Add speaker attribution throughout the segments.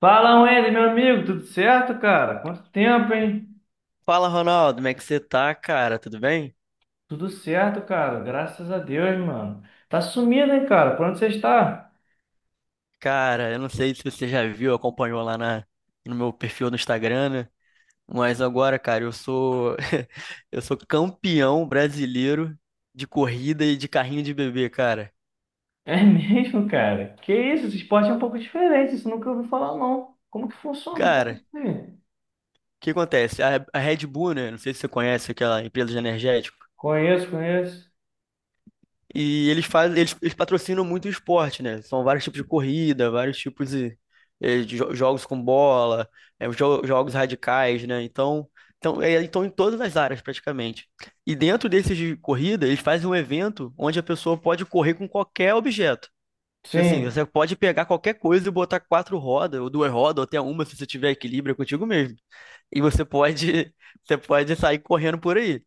Speaker 1: Fala, Wendy, meu amigo, tudo certo, cara? Quanto tempo, hein?
Speaker 2: Fala, Ronaldo, como é que você tá, cara? Tudo bem?
Speaker 1: Tudo certo, cara, graças a Deus, mano. Tá sumido, hein, cara? Por onde você está?
Speaker 2: Cara, eu não sei se você já viu, acompanhou no meu perfil no Instagram, né? Mas agora, cara, eu sou eu sou campeão brasileiro de corrida e de carrinho de bebê, cara.
Speaker 1: É mesmo, cara? Que isso, esse esporte é um pouco diferente, isso eu nunca ouvi falar, não. Como que funciona um
Speaker 2: Cara,
Speaker 1: pouco assim?
Speaker 2: o que acontece? A Red Bull, né? Não sei se você conhece aquela empresa de energético.
Speaker 1: Conheço, conheço.
Speaker 2: E eles fazem, eles patrocinam muito o esporte, né? São vários tipos de corrida, vários tipos de, de jogos com bola, jogos radicais, né? Então, em todas as áreas praticamente. E dentro desses de corrida, eles fazem um evento onde a pessoa pode correr com qualquer objeto. Tipo assim,
Speaker 1: Sim,
Speaker 2: você pode pegar qualquer coisa e botar quatro rodas, ou duas rodas, ou até uma, se você tiver equilíbrio, é contigo mesmo. E você pode, você pode sair correndo por aí.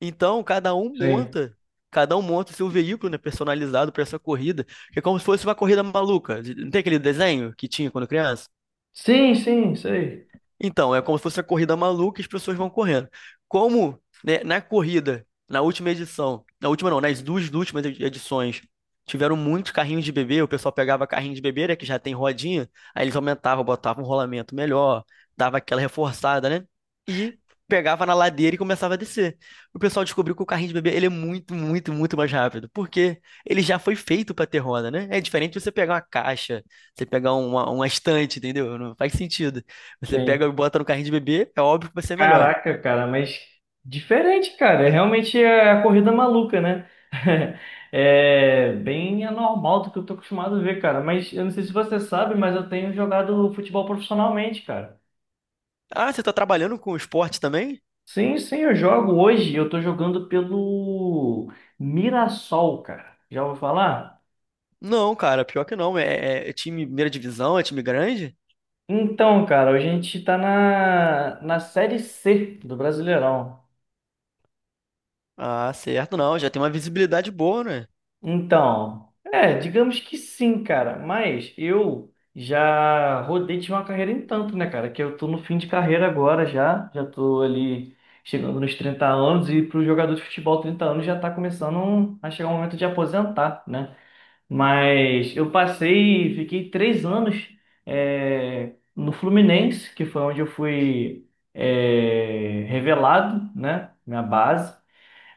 Speaker 2: Então, cada um
Speaker 1: sim.
Speaker 2: monta, cada um monta o seu veículo, né, personalizado para essa corrida, que é como se fosse uma corrida maluca. Não tem aquele desenho que tinha quando criança?
Speaker 1: Sim, sim, sei.
Speaker 2: Então, é como se fosse a corrida maluca e as pessoas vão correndo. Como, né, na corrida, na última edição, na última não, nas duas últimas edições, tiveram muitos carrinhos de bebê, o pessoal pegava carrinho de bebê, né, que já tem rodinha, aí eles aumentavam, botavam um rolamento melhor, dava aquela reforçada, né? E pegava na ladeira e começava a descer. O pessoal descobriu que o carrinho de bebê, ele é muito, muito, muito mais rápido, porque ele já foi feito para ter roda, né? É diferente de você pegar uma caixa, você pegar uma estante, entendeu? Não faz sentido. Você pega e bota no carrinho de bebê, é óbvio que vai ser melhor.
Speaker 1: Caraca, cara, mas diferente, cara. Realmente é a corrida maluca, né? É bem anormal do que eu tô acostumado a ver, cara. Mas eu não sei se você sabe, mas eu tenho jogado futebol profissionalmente, cara.
Speaker 2: Ah, você tá trabalhando com esporte também?
Speaker 1: Sim, sim, eu jogo hoje. Eu tô jogando pelo Mirassol, cara. Já ouviu falar?
Speaker 2: Não, cara, pior que não. É, é time primeira divisão, é time grande?
Speaker 1: Então, cara, a gente tá na Série C do Brasileirão.
Speaker 2: Ah, certo, não. Já tem uma visibilidade boa, né?
Speaker 1: Então, é, digamos que sim, cara. Mas eu já rodei de uma carreira em tanto, né, cara? Que eu tô no fim de carreira agora já. Já tô ali chegando nos 30 anos, e pro jogador de futebol 30 anos já tá começando a chegar o momento de aposentar, né? Mas eu passei, fiquei 3 anos no Fluminense, que foi onde eu fui revelado, né? Minha base.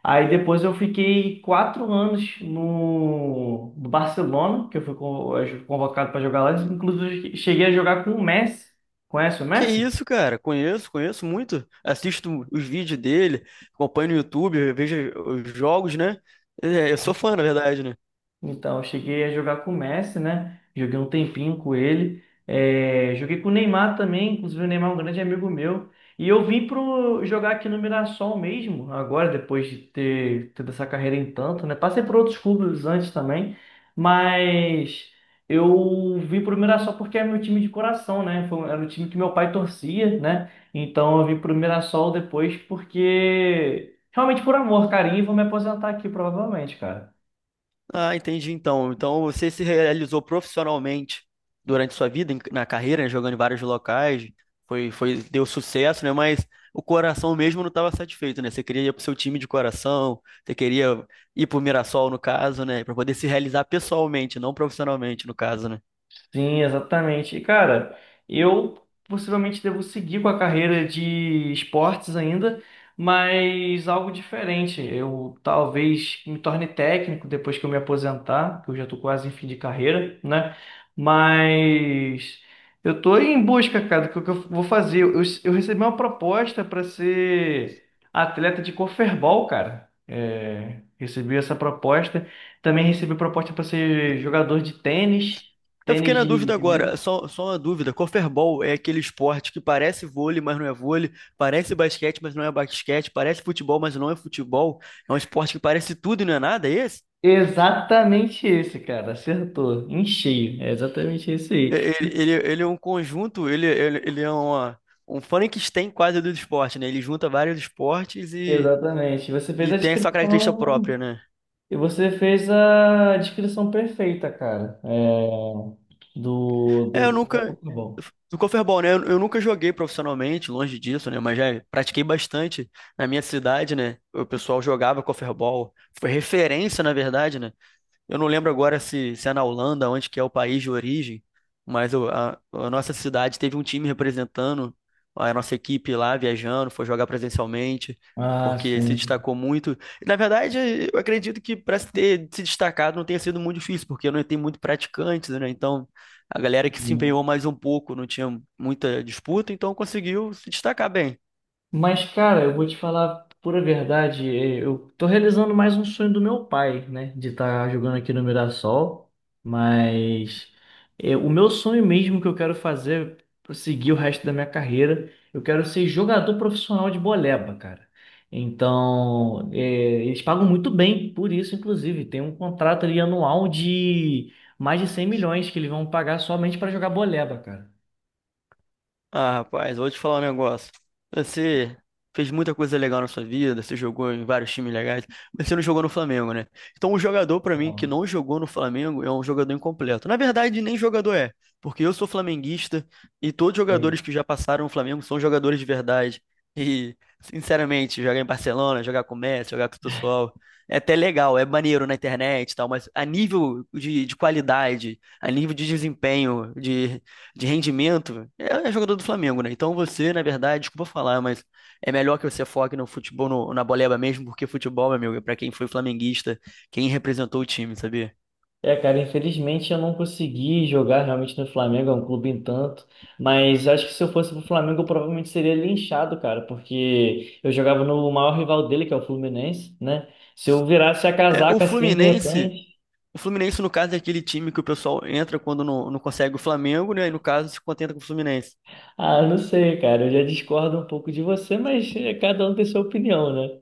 Speaker 1: Aí depois eu fiquei 4 anos no Barcelona, que eu fui convocado para jogar lá. Inclusive, cheguei a jogar com o Messi. Conhece o
Speaker 2: Que
Speaker 1: Messi?
Speaker 2: isso, cara? Conheço, conheço muito. Assisto os vídeos dele, acompanho no YouTube, vejo os jogos, né? É, eu sou fã, na verdade, né?
Speaker 1: Então, eu cheguei a jogar com o Messi, né? Joguei um tempinho com ele. É, joguei com o Neymar também, inclusive o Neymar é um grande amigo meu. E eu vim pro jogar aqui no Mirassol mesmo, agora, depois de ter tido essa carreira em tanto, né? Passei por outros clubes antes também, mas eu vim pro Mirassol porque é meu time de coração, né? Era o time que meu pai torcia, né? Então eu vim pro Mirassol depois porque, realmente por amor, carinho, e vou me aposentar aqui provavelmente, cara.
Speaker 2: Ah, entendi então. Então você se realizou profissionalmente durante sua vida, na carreira, né, jogando em vários locais, foi, foi, deu sucesso, né? Mas o coração mesmo não estava satisfeito, né? Você queria ir pro seu time de coração, você queria ir pro Mirassol, no caso, né? Para poder se realizar pessoalmente, não profissionalmente, no caso, né?
Speaker 1: Sim, exatamente. E, cara, eu possivelmente devo seguir com a carreira de esportes ainda, mas algo diferente. Eu talvez me torne técnico depois que eu me aposentar, que eu já estou quase em fim de carreira, né? Mas eu estou em busca, cara, do que eu vou fazer. Eu recebi uma proposta para ser atleta de corferball, cara. É, recebi essa proposta. Também recebi proposta para ser jogador de tênis.
Speaker 2: Eu fiquei
Speaker 1: Tênis
Speaker 2: na
Speaker 1: de,
Speaker 2: dúvida
Speaker 1: de mesa?
Speaker 2: agora, só, só uma dúvida. Corfebol é aquele esporte que parece vôlei, mas não é vôlei, parece basquete, mas não é basquete, parece futebol, mas não é futebol. É um esporte que parece tudo e não é nada, é esse?
Speaker 1: Exatamente esse, cara. Acertou. Em cheio. É exatamente esse
Speaker 2: É,
Speaker 1: aí.
Speaker 2: ele, ele é um conjunto, ele, ele é uma, um Frankenstein quase do esporte, né? Ele junta vários esportes
Speaker 1: Exatamente. Você fez
Speaker 2: e
Speaker 1: a
Speaker 2: tem a sua característica
Speaker 1: descrição.
Speaker 2: própria, né?
Speaker 1: E você fez a descrição perfeita, cara. É, do,
Speaker 2: É, eu
Speaker 1: do. Como é que eu
Speaker 2: nunca.
Speaker 1: tô bom.
Speaker 2: Do Corfeball, né? Eu nunca joguei profissionalmente, longe disso, né? Mas já pratiquei bastante na minha cidade, né? O pessoal jogava Corfeball, foi referência, na verdade, né? Eu não lembro agora se é na Holanda, onde que é o país de origem, mas a nossa cidade teve um time representando a nossa equipe lá, viajando, foi jogar presencialmente,
Speaker 1: Ah,
Speaker 2: porque se
Speaker 1: sim.
Speaker 2: destacou muito. E, na verdade, eu acredito que para se ter se destacado não tenha sido muito difícil, porque não tem muito praticantes, né? Então, a galera que se
Speaker 1: Sim.
Speaker 2: empenhou mais um pouco não tinha muita disputa, então conseguiu se destacar bem.
Speaker 1: Mas, cara, eu vou te falar a pura verdade. Eu tô realizando mais um sonho do meu pai, né? De estar jogando aqui no Mirassol. Mas o meu sonho mesmo que eu quero fazer pra seguir o resto da minha carreira, eu quero ser jogador profissional de boleba, cara. Então, eles pagam muito bem por isso, inclusive. Tem um contrato ali anual de mais de 100 milhões que eles vão pagar somente para jogar boleba, cara.
Speaker 2: Ah, rapaz, vou te falar um negócio. Você fez muita coisa legal na sua vida, você jogou em vários times legais, mas você não jogou no Flamengo, né? Então, um jogador, pra mim, que
Speaker 1: Então,
Speaker 2: não jogou no Flamengo é um jogador incompleto. Na verdade, nem jogador é, porque eu sou flamenguista e todos os
Speaker 1: é.
Speaker 2: jogadores que já passaram no Flamengo são jogadores de verdade. E, sinceramente, jogar em Barcelona, jogar com o Messi, jogar com o pessoal, é até legal, é maneiro na internet e tal, mas a nível de qualidade, a nível de desempenho, de rendimento, é jogador do Flamengo, né? Então você, na verdade, desculpa falar, mas é melhor que você foque no futebol, na boleba mesmo, porque futebol, meu amigo, é pra quem foi flamenguista, quem representou o time, sabia?
Speaker 1: É, cara, infelizmente eu não consegui jogar realmente no Flamengo, é um clube em tanto, mas acho que se eu fosse pro Flamengo eu provavelmente seria linchado, cara, porque eu jogava no maior rival dele, que é o Fluminense, né? Se eu virasse a
Speaker 2: É,
Speaker 1: casaca assim de repente,
Speaker 2: O Fluminense, no caso, é aquele time que o pessoal entra quando não, não consegue o Flamengo, né? E no caso, se contenta com o Fluminense.
Speaker 1: ah, não sei, cara, eu já discordo um pouco de você, mas cada um tem sua opinião, né?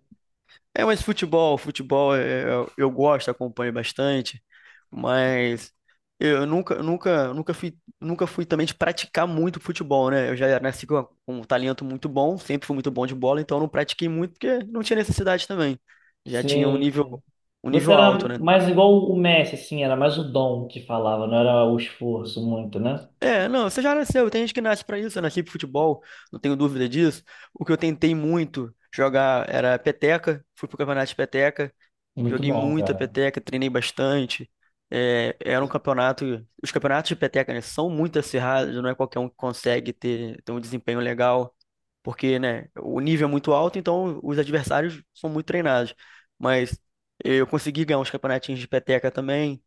Speaker 2: É, mas futebol, futebol, eu gosto, acompanho bastante. Mas eu nunca, nunca fui também de praticar muito futebol, né? Eu já nasci com um talento muito bom, sempre fui muito bom de bola, então eu não pratiquei muito porque não tinha necessidade também. Já tinha
Speaker 1: Sim, sim.
Speaker 2: um
Speaker 1: Você
Speaker 2: nível alto,
Speaker 1: era
Speaker 2: né?
Speaker 1: mais igual o Messi, assim, era mais o dom que falava, não era o esforço muito, né?
Speaker 2: É, não, você já nasceu, tem gente que nasce pra isso, eu nasci pro futebol, não tenho dúvida disso. O que eu tentei muito jogar era peteca, fui pro campeonato de peteca.
Speaker 1: Muito
Speaker 2: Joguei
Speaker 1: bom,
Speaker 2: muita
Speaker 1: cara.
Speaker 2: peteca, treinei bastante. É, era um campeonato. Os campeonatos de peteca, né, são muito acirrados, não é qualquer um que consegue ter, ter um desempenho legal, porque, né, o nível é muito alto, então os adversários são muito treinados. Mas eu consegui ganhar uns campeonatinhos de peteca também.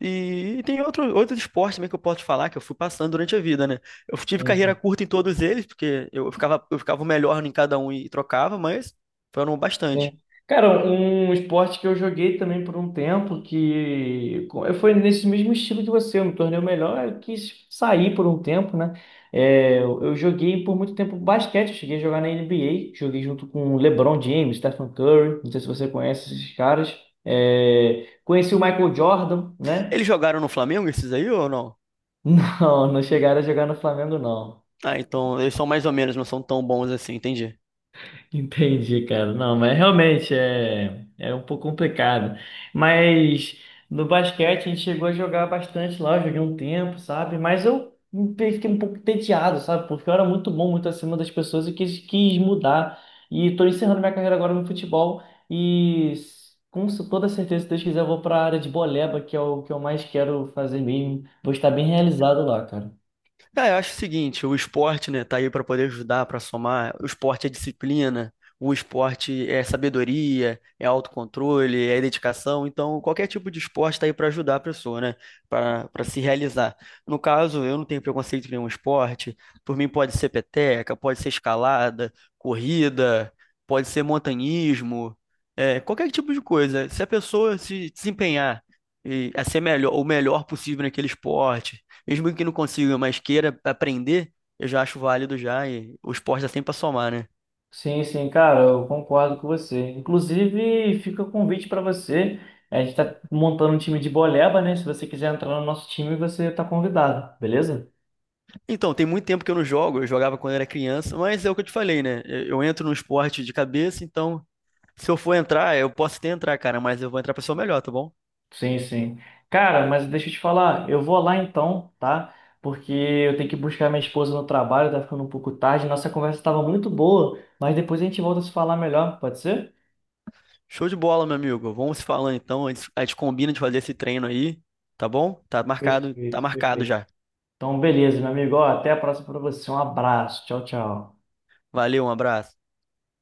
Speaker 2: E tem outro, outros esportes também que eu posso te falar que eu fui passando durante a vida, né? Eu tive
Speaker 1: Sim,
Speaker 2: carreira
Speaker 1: sim.
Speaker 2: curta em todos eles, porque eu ficava o melhor em cada um e trocava, mas foram bastante.
Speaker 1: Sim. Cara, um esporte que eu joguei também por um tempo, foi nesse mesmo estilo que você, eu me tornei o melhor, eu quis sair por um tempo, né? É, eu joguei por muito tempo basquete, eu cheguei a jogar na NBA, joguei junto com LeBron James, Stephen Curry, não sei se você conhece esses caras. É, conheci o Michael Jordan, né?
Speaker 2: Eles jogaram no Flamengo, esses aí, ou não?
Speaker 1: Não, não chegaram a jogar no Flamengo, não.
Speaker 2: Ah, então eles são mais ou menos, não são tão bons assim, entendi.
Speaker 1: Entendi, cara. Não, mas realmente é um pouco complicado. Mas no basquete a gente chegou a jogar bastante lá, eu joguei um tempo, sabe? Mas eu fiquei um pouco entediado, sabe? Porque eu era muito bom, muito acima das pessoas e quis mudar. E tô encerrando minha carreira agora no futebol e com toda certeza, se Deus quiser, eu vou para a área de boleba, que é o que eu mais quero fazer mesmo. Vou estar bem realizado lá, cara.
Speaker 2: Ah, eu acho o seguinte, o esporte, né, tá aí para poder ajudar, para somar. O esporte é disciplina, o esporte é sabedoria, é autocontrole, é dedicação. Então, qualquer tipo de esporte tá aí para ajudar a pessoa, né, para se realizar. No caso, eu não tenho preconceito com nenhum esporte. Por mim, pode ser peteca, pode ser escalada, corrida, pode ser montanhismo, é, qualquer tipo de coisa. Se a pessoa se desempenhar e a ser melhor, o melhor possível naquele esporte mesmo que não consiga, mas queira aprender, eu já acho válido já. E o esporte dá sempre pra somar, né?
Speaker 1: Sim, sim, cara, eu concordo com você. Inclusive, fica o convite para você. A gente está montando um time de boleba, né? Se você quiser entrar no nosso time, você está convidado, beleza?
Speaker 2: Então, tem muito tempo que eu não jogo. Eu jogava quando era criança, mas é o que eu te falei, né? Eu entro no esporte de cabeça, então se eu for entrar, eu posso até entrar, cara, mas eu vou entrar pra ser o melhor, tá bom?
Speaker 1: Sim, sim. Cara, mas deixa eu te falar, eu vou lá então, tá? Porque eu tenho que buscar minha esposa no trabalho, tá ficando um pouco tarde. Nossa conversa estava muito boa, mas depois a gente volta a se falar melhor, pode ser?
Speaker 2: Show de bola, meu amigo. Vamos se falando então. A gente combina de fazer esse treino aí, tá bom? Tá
Speaker 1: Perfeito,
Speaker 2: marcado
Speaker 1: perfeito.
Speaker 2: já.
Speaker 1: Então, beleza, meu amigo. Ó, até a próxima para você. Um abraço. Tchau, tchau.
Speaker 2: Valeu, um abraço.